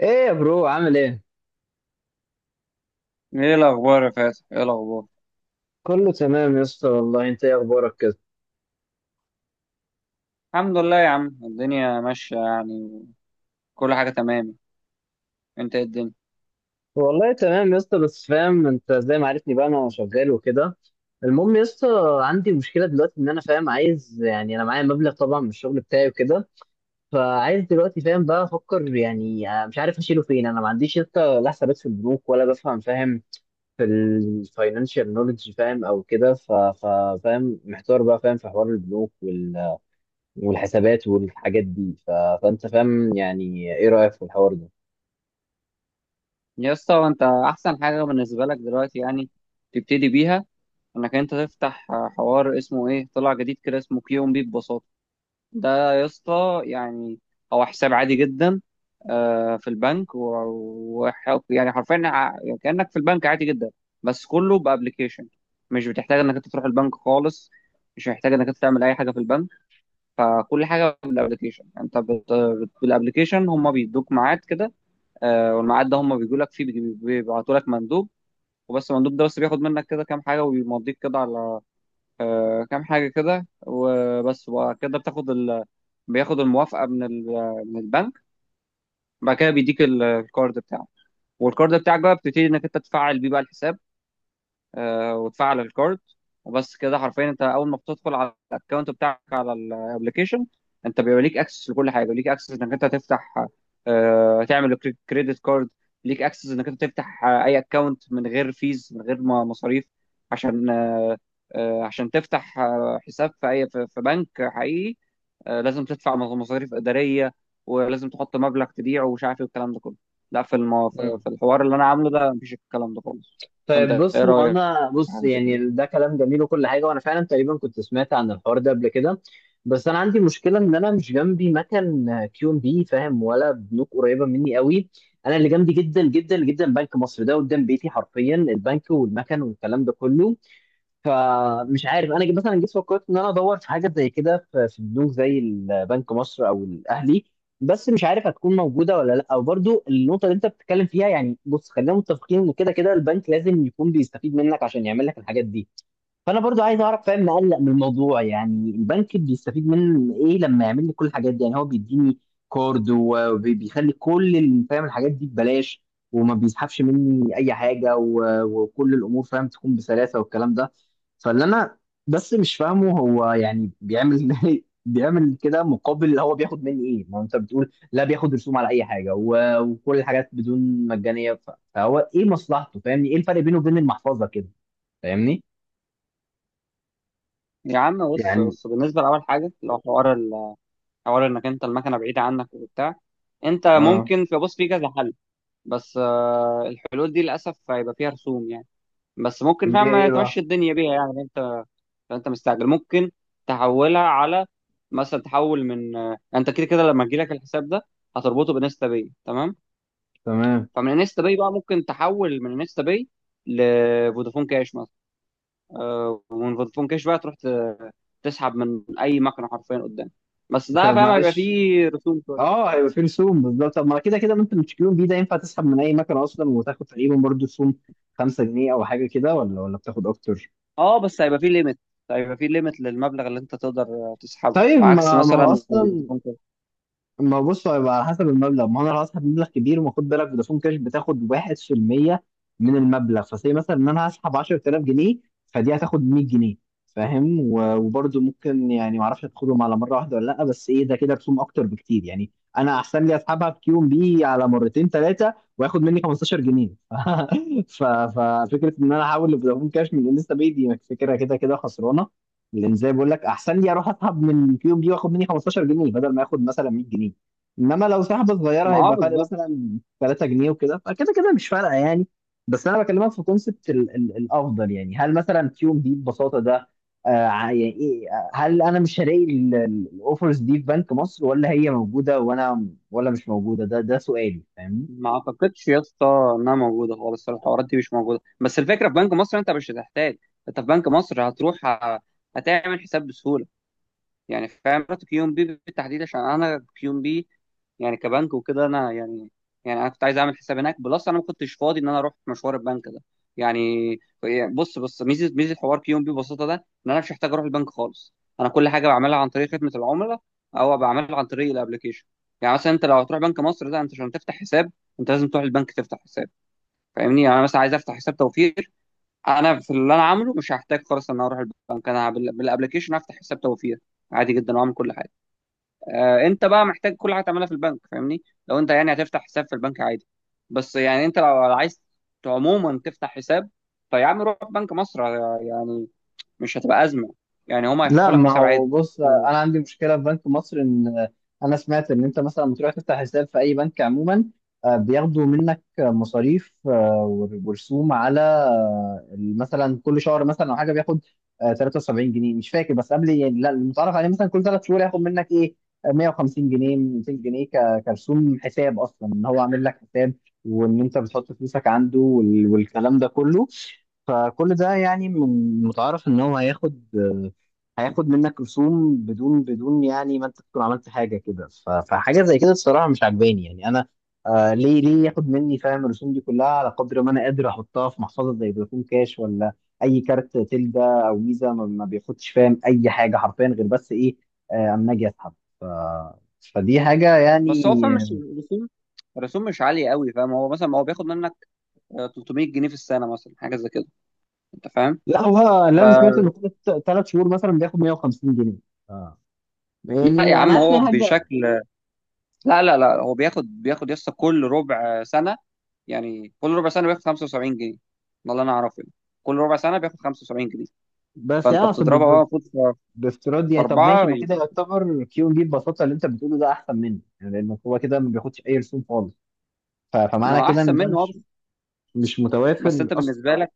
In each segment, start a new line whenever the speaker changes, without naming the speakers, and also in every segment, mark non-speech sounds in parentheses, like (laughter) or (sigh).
ايه يا برو عامل ايه؟
ايه الاخبار يا فاتح، ايه الاخبار؟
كله تمام يا اسطى والله. انت ايه اخبارك كده؟
الحمد لله يا عم، الدنيا ماشيه يعني. كل حاجه تمام. انت إيه الدنيا؟
والله تمام يا اسطى، بس فاهم انت زي ما عرفني بقى انا شغال وكده. المهم يا اسطى، عندي مشكله دلوقتي ان انا فاهم عايز يعني انا معايا مبلغ طبعا من الشغل بتاعي وكده، فعايز دلوقتي فاهم بقى افكر يعني مش عارف اشيله فين. انا ما عنديش يا اسطى لا حسابات في البنوك ولا بفهم فاهم في الفاينانشال نولج فاهم او كده، فاهم محتار بقى فاهم في حوار البنوك والحسابات والحاجات دي فانت فاهم يعني ايه رايك في الحوار ده؟
يا اسطى، انت احسن حاجه بالنسبه لك دلوقتي يعني تبتدي بيها انك انت تفتح حوار اسمه ايه، طلع جديد كده، اسمه كيون بي ببساطه. ده يا اسطى يعني هو حساب عادي جدا، في البنك و... يعني حرفيا كانك في البنك عادي جدا، بس كله بابلكيشن. مش بتحتاج انك انت تروح البنك خالص، مش محتاج انك انت تعمل اي حاجه في البنك. فكل حاجه بالابلكيشن. انت بالابلكيشن هم بيدوك ميعاد كده، والميعاد ده هم بيجوا لك فيه، بيبعتوا لك مندوب، وبس. المندوب ده بس بياخد منك كده كام حاجه، وبيمضيك كده على كام حاجه كده وبس. وبعد كده بتاخد بياخد الموافقه من من البنك. بعد كده بيديك الكارد بتاعه، والكارد بتاعك بقى بتبتدي انك انت تفعل بيه بقى الحساب، وتفعل الكارد وبس كده. حرفيا انت اول ما بتدخل على الاكونت بتاعك على الابلكيشن، انت بيبقى ليك اكسس لكل حاجه. ليك اكسس انك انت تفتح، تعمل كريدت كارد. ليك اكسس انك انت تفتح اي اكونت من غير فيز، من غير مصاريف. عشان عشان تفتح حساب في اي في بنك حقيقي، لازم تدفع مصاريف اداريه، ولازم تحط مبلغ تبيعه ومش عارف ايه والكلام ده كله. لا، في
مم.
في الحوار اللي انا عامله ده مفيش الكلام ده خالص. فانت
طيب بص،
ايه
ما
رايك
انا
في
بص
حاجه زي كده؟
يعني ده كلام جميل وكل حاجه وانا فعلا تقريبا كنت سمعت عن الحوار ده قبل كده. بس انا عندي مشكله ان انا مش جنبي مكان كيو ام بي فاهم ولا بنوك قريبه مني قوي. انا اللي جنبي جدا جدا جدا بنك مصر، ده قدام بيتي حرفيا البنك والمكن والكلام ده كله. فمش عارف انا مثلا جيت فكرت ان انا ادور في حاجه زي كده في بنوك زي البنك مصر او الاهلي، بس مش عارف هتكون موجوده ولا لا. وبرضو النقطه اللي انت بتتكلم فيها يعني بص، خلينا متفقين ان كده كده البنك لازم يكون بيستفيد منك عشان يعمل لك الحاجات دي. فانا برضو عايز اعرف فاهم مقلق من الموضوع، يعني البنك بيستفيد من ايه لما يعمل لي كل الحاجات دي؟ يعني هو بيديني كارد وبيخلي كل فاهم الحاجات دي ببلاش، وما بيسحبش مني اي حاجه وكل الامور فاهم تكون بسلاسه والكلام ده. فاللي انا بس مش فاهمه هو يعني بيعمل (laughs) بيعمل كده مقابل اللي هو بياخد مني ايه؟ ما هو انت بتقول لا بياخد رسوم على اي حاجه وكل الحاجات بدون مجانيه، فهو ايه مصلحته فاهمني؟ ايه الفرق بينه وبين المحفظه كده فاهمني؟
يا عم بص
يعني
بص، بالنسبه لاول حاجه لو حوار حوار انك انت المكنه بعيده عنك وبتاع، انت
اه.
ممكن بص، في كذا حل، بس الحلول دي للاسف هيبقى فيها رسوم يعني، بس ممكن
اللي هي
فاهم
ايه
تمشي
بقى؟
الدنيا بيها يعني. فانت مستعجل، ممكن تحولها على، مثلا تحول من انت كده كده لما تجيلك الحساب ده هتربطه بانستا باي تمام.
تمام.
فمن انستا باي بقى ممكن تحول من انستا باي لفودافون كاش مثلا، ومن فودافون كاش بقى تروح تسحب من اي مكنه حرفيا قدام، بس ده
طب
فاهم هيبقى
معلش،
فيه رسوم شويه.
اه هيبقى في رسوم بالظبط. طب ما كده كده ما انت بتشتريهم بيه، ده ينفع تسحب من اي مكنه اصلا وتاخد تقريبا برضه رسوم 5 جنيه او حاجه كده، ولا ولا بتاخد اكتر؟
اه، بس هيبقى فيه ليميت، للمبلغ اللي انت تقدر تسحبه
طيب،
عكس
ما هو
مثلا
اصلا
فودافون كاش.
ما بص، هيبقى على حسب المبلغ. ما انا لو هسحب مبلغ كبير، وخد بالك فودافون كاش بتاخد 1% من المبلغ، فسي مثلا ان انا هسحب 10000 جنيه، فدي هتاخد 100 جنيه فاهم. وبرضه ممكن يعني ما اعرفش هتاخدهم على مره واحده ولا لا، بس ايه ده كده رسوم اكتر بكتير يعني. انا احسن لي اسحبها في كيو ام بي على مرتين ثلاثه واخد مني 15 جنيه (laughs) ففكره ان انا احول لفودافون كاش من انستا باي دي فكره كده كده خسرانه. لان زي بقول لك احسن لي اروح اسحب من الكيوب دي واخد مني 15 جنيه بدل ما اخد مثلا 100 جنيه. انما لو سحبه صغيره
ما
هيبقى فرق
بالظبط.
مثلا 3 جنيه وكده، فكده كده مش فارقه يعني. بس انا بكلمك في كونسبت الافضل يعني، هل مثلا كيوب دي ببساطه ده آه يعني ايه، هل انا مش هلاقي الاوفرز دي في بنك مصر، ولا هي موجوده وانا ولا مش موجوده؟ ده ده سؤالي فاهمني.
ما اعتقدش يا اسطى انها موجوده خالص، الحوارات دي مش موجوده. بس الفكره في بنك مصر انت مش هتحتاج. انت في بنك مصر هتروح، هتعمل حساب بسهوله. يعني فاهم، رحت كيو ام بي بالتحديد عشان انا كيو ام بي يعني كبنك وكده، انا يعني يعني انا كنت عايز اعمل حساب هناك بلس انا ما كنتش فاضي ان انا اروح مشوار البنك ده يعني. يعني بص بص، ميزه حوار كيون بي ببساطه ده ان انا مش محتاج اروح البنك خالص. انا كل حاجه بعملها عن طريق خدمه العملاء، او بعملها عن طريق الابلكيشن. يعني مثلا انت لو هتروح بنك مصر ده، انت عشان تفتح حساب انت لازم تروح البنك تفتح حساب. فاهمني؟ يعني انا مثلا عايز افتح حساب توفير. انا في اللي انا عامله مش هحتاج خالص ان انا اروح البنك، انا بالابلكيشن افتح حساب توفير عادي جدا واعمل كل حاجه. انت بقى محتاج كل حاجه تعملها في البنك، فاهمني؟ لو انت يعني هتفتح حساب في البنك عادي، بس يعني انت لو عايز عموما تفتح حساب، فيا عم روح بنك مصر، يعني مش هتبقى ازمه. يعني هما
لا
هيفتحوا لك
ما
حساب
هو
عادي.
بص،
آه،
انا عندي مشكله في بنك مصر ان انا سمعت ان انت مثلا لما تروح تفتح حساب في اي بنك عموما، بياخدوا منك مصاريف ورسوم على مثلا كل شهر مثلا او حاجه بياخد 73 جنيه مش فاكر، بس قبل يعني لا المتعارف عليه مثلا كل ثلاث شهور ياخد منك ايه 150 جنيه 200 جنيه كرسوم حساب اصلا ان هو عامل لك حساب وان انت بتحط فلوسك عنده والكلام ده كله. فكل ده يعني متعارف ان هو هياخد هياخد منك رسوم بدون بدون يعني ما انت تكون عملت حاجه كده، فحاجه زي كده الصراحه مش عجباني يعني انا. آه ليه ليه ياخد مني فاهم الرسوم دي كلها، على قدر ما انا قادر احطها في محفظه زي فودافون كاش ولا اي كارت تلدا او فيزا ما بياخدش فاهم اي حاجه حرفيا غير بس ايه اما اجي اسحب ف... فدي حاجه يعني.
بس هو فاهم، مش الرسوم الرسوم مش عاليه قوي فاهم. هو مثلا هو بياخد منك 300 جنيه في السنه مثلا، حاجه زي كده، انت فاهم؟
لا هو اللي
ف
انا سمعت انه كل ثلاث شهور مثلا بياخد 150 جنيه. آه.
لا يا
يعني انا
عم،
عارف ان
هو
هي حاجه.
بشكل لا لا لا، هو بياخد يسطا كل ربع سنة. يعني كل ربع سنة بياخد 75 جنيه. ده اللي أنا أعرفه يعني. كل ربع سنة بياخد 75 جنيه.
بس
فأنت
يعني
بتضربها بقى المفروض في
بافتراض يعني، طب ماشي،
أربعة،
ما كده
يبقى
يعتبر كيو ام بي ببساطه اللي انت بتقوله ده احسن منه يعني، لان هو كده ما بياخدش اي رسوم خالص،
ما
فمعنى
هو
كده
أحسن
ان ده
منه.
مش
بس،
مش
بس
متوافر
أنت
اصلا
بالنسبة
بقى.
لك،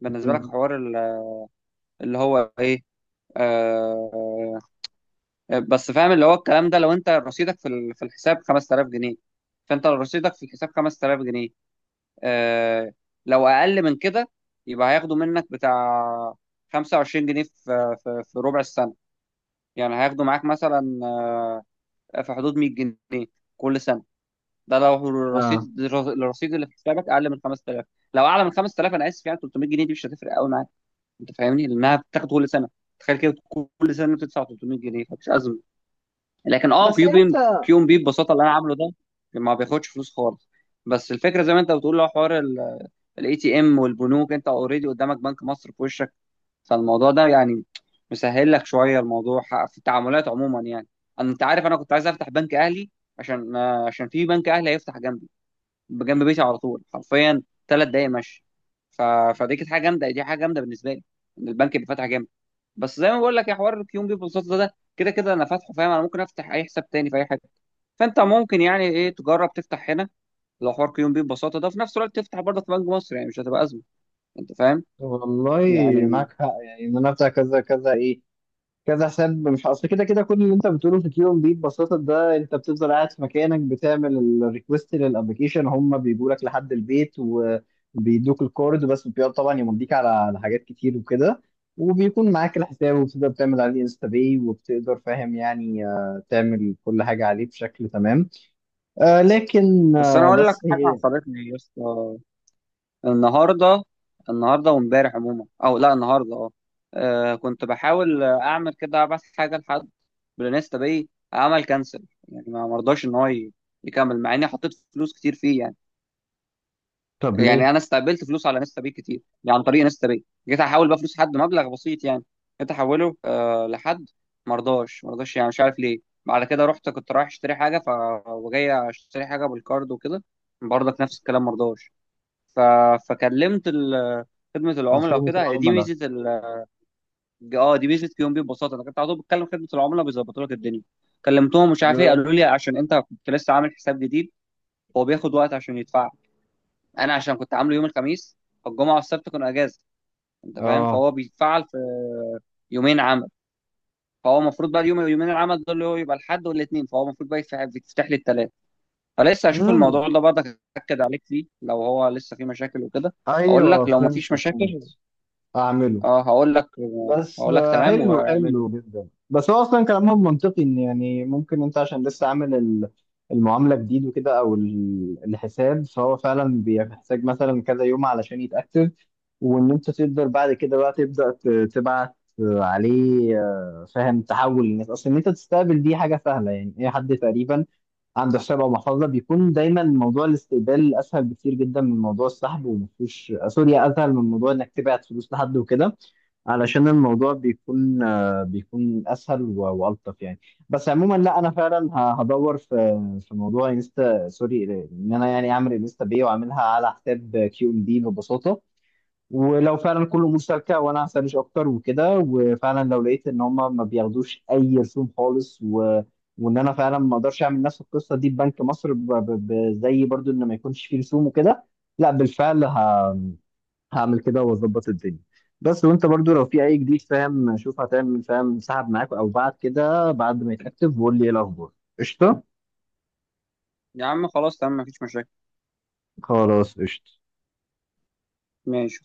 مم.
حوار اللي هو إيه، آه بس فاهم اللي هو الكلام ده، لو أنت رصيدك في في الحساب 5000 جنيه، فأنت لو رصيدك في الحساب 5000 جنيه، آه، لو اقل من كده يبقى هياخدوا منك بتاع 25 جنيه في ربع السنه. يعني هياخدوا معاك مثلا في حدود 100 جنيه كل سنه. ده لو
اه
الرصيد اللي في حسابك اقل من 5000. لو اعلى من 5000، انا اسف يعني 300 جنيه دي مش هتفرق قوي معاك، انت فاهمني، لانها بتاخد كل سنه. تخيل كده، كل سنه بتدفع 300 جنيه، فمش ازمه. لكن
بس انت
كيو ام بي ببساطه اللي انا عامله ده ما بياخدش فلوس خالص. بس الفكره زي ما انت بتقول لو حوار الاي تي ام والبنوك، انت اوريدي قدامك بنك مصر في وشك. فالموضوع ده يعني مسهل لك شويه الموضوع في التعاملات عموما يعني. انت عارف انا كنت عايز افتح بنك اهلي عشان في بنك اهلي هيفتح جنبي، جنب بيتي على طول حرفيا، 3 دقايق مشي. ف... فدي كانت حاجه جامده، دي حاجه جامده بالنسبه لي ان البنك يبقى فاتح جنبي. بس زي ما بقول لك، يا حوار الكيون بيبول سوت ده كده كده انا فاتحه فاهم. انا ممكن افتح اي حساب تاني في اي حاجه. فانت ممكن يعني ايه تجرب تفتح هنا لو حوار كيون بي ببساطه ده، في نفس الوقت تفتح برضه في بنك مصر، يعني مش هتبقى ازمه، انت فاهم؟
والله
يعني
معاك حق. يعني ان انا بتاع كذا كذا ايه كذا حساب، مش اصل كده كده كل اللي انت بتقوله في كيون بي ببساطه ده، انت بتفضل قاعد في مكانك بتعمل الريكوست للابلكيشن، هم بيجوا لك لحد البيت وبيدوك الكورد، بس بيقعد طبعا يمضيك على على حاجات كتير وكده، وبيكون معاك الحساب وبتقدر تعمل عليه انستا باي وبتقدر فاهم يعني تعمل كل حاجه عليه بشكل تمام. آه لكن
بس انا
آه
اقول لك
بس
حاجه
هي.
حصلت لي يا اسطى النهارده. وامبارح عموما، او لا النهارده، كنت بحاول اعمل كده ابعت حاجه لحد بالانستا باي، عمل كانسل يعني، ما مرضاش ان هو يكمل مع اني حطيت فلوس كتير فيه يعني.
طب ليه؟
يعني انا استقبلت فلوس على انستا باي كتير، يعني عن طريق انستا باي. جيت احول بقى فلوس حد مبلغ بسيط يعني، جيت احوله لحد، مرضاش، يعني مش عارف ليه. بعد كده رحت، كنت رايح اشتري حاجه وجاي اشتري حاجه بالكارد وكده، برضك نفس الكلام مرضاش. ف... فكلمت خدمه العملاء
خدمه
وكده. دي
العملاء.
ميزه اه، دي ميزه كيوم بي ببساطه. انا كنت على طول بتكلم خدمه العملاء بيظبطوا لك الدنيا. كلمتهم، مش عارف ايه،
اه.
قالوا لي عشان انت كنت لسه عامل حساب جديد هو بياخد وقت عشان يدفع. انا عشان كنت عامله يوم الخميس، فالجمعه والسبت كانوا اجازه، انت فاهم،
آه.
فهو بيتفعل في يومين عمل. فهو المفروض بقى اليوم، يومين العمل دول اللي هو يبقى الحد والاثنين، فهو المفروض بقى يتفتح، لي الثلاث. فلسه هشوف
مم.
الموضوع ده، برضك اتاكد عليك فيه لو هو لسه فيه مشاكل وكده اقول لك.
ايوه
لو مفيش
فهمت
مشاكل
فهمت. اعمله.
اه هقول لك،
بس
تمام،
حلو
واعمله.
حلو جدا، بس هو اصلا كلامهم منطقي ان يعني ممكن انت عشان لسه عامل المعامله جديد وكده او الحساب، فهو فعلا بيحتاج مثلا كذا يوم علشان يتاكتف وان انت تقدر بعد كده بقى تبدا تبعت عليه. فاهم تحول الناس. اصلا ان انت تستقبل دي حاجه سهله يعني، اي حد تقريبا عنده حساب او محفظه بيكون دايما موضوع الاستقبال اسهل بكتير جدا من موضوع السحب، ومفيش سوري اسهل من موضوع انك تبعت فلوس لحد وكده، علشان الموضوع بيكون بيكون اسهل والطف يعني. بس عموما لا انا فعلا هدور في في موضوع انستا سوري ان انا يعني اعمل انستا باي واعملها على حساب كيو ام دي ببساطه، ولو فعلا كله مشتركه وانا هسرش اكتر وكده، وفعلا لو لقيت ان هم ما بياخدوش اي رسوم خالص و وان انا فعلا ما اقدرش اعمل نفس القصه دي ببنك مصر زي برضو ان ما يكونش فيه رسوم وكده، لا بالفعل هعمل كده واظبط الدنيا. بس وانت برضو لو في اي جديد فاهم شوف هتعمل فاهم سحب معاك او بعد كده بعد ما يتاكتف وقول لي ايه الاخبار. قشطه.
يا عم خلاص، تمام، مفيش مشاكل،
خلاص قشطه.
ماشي.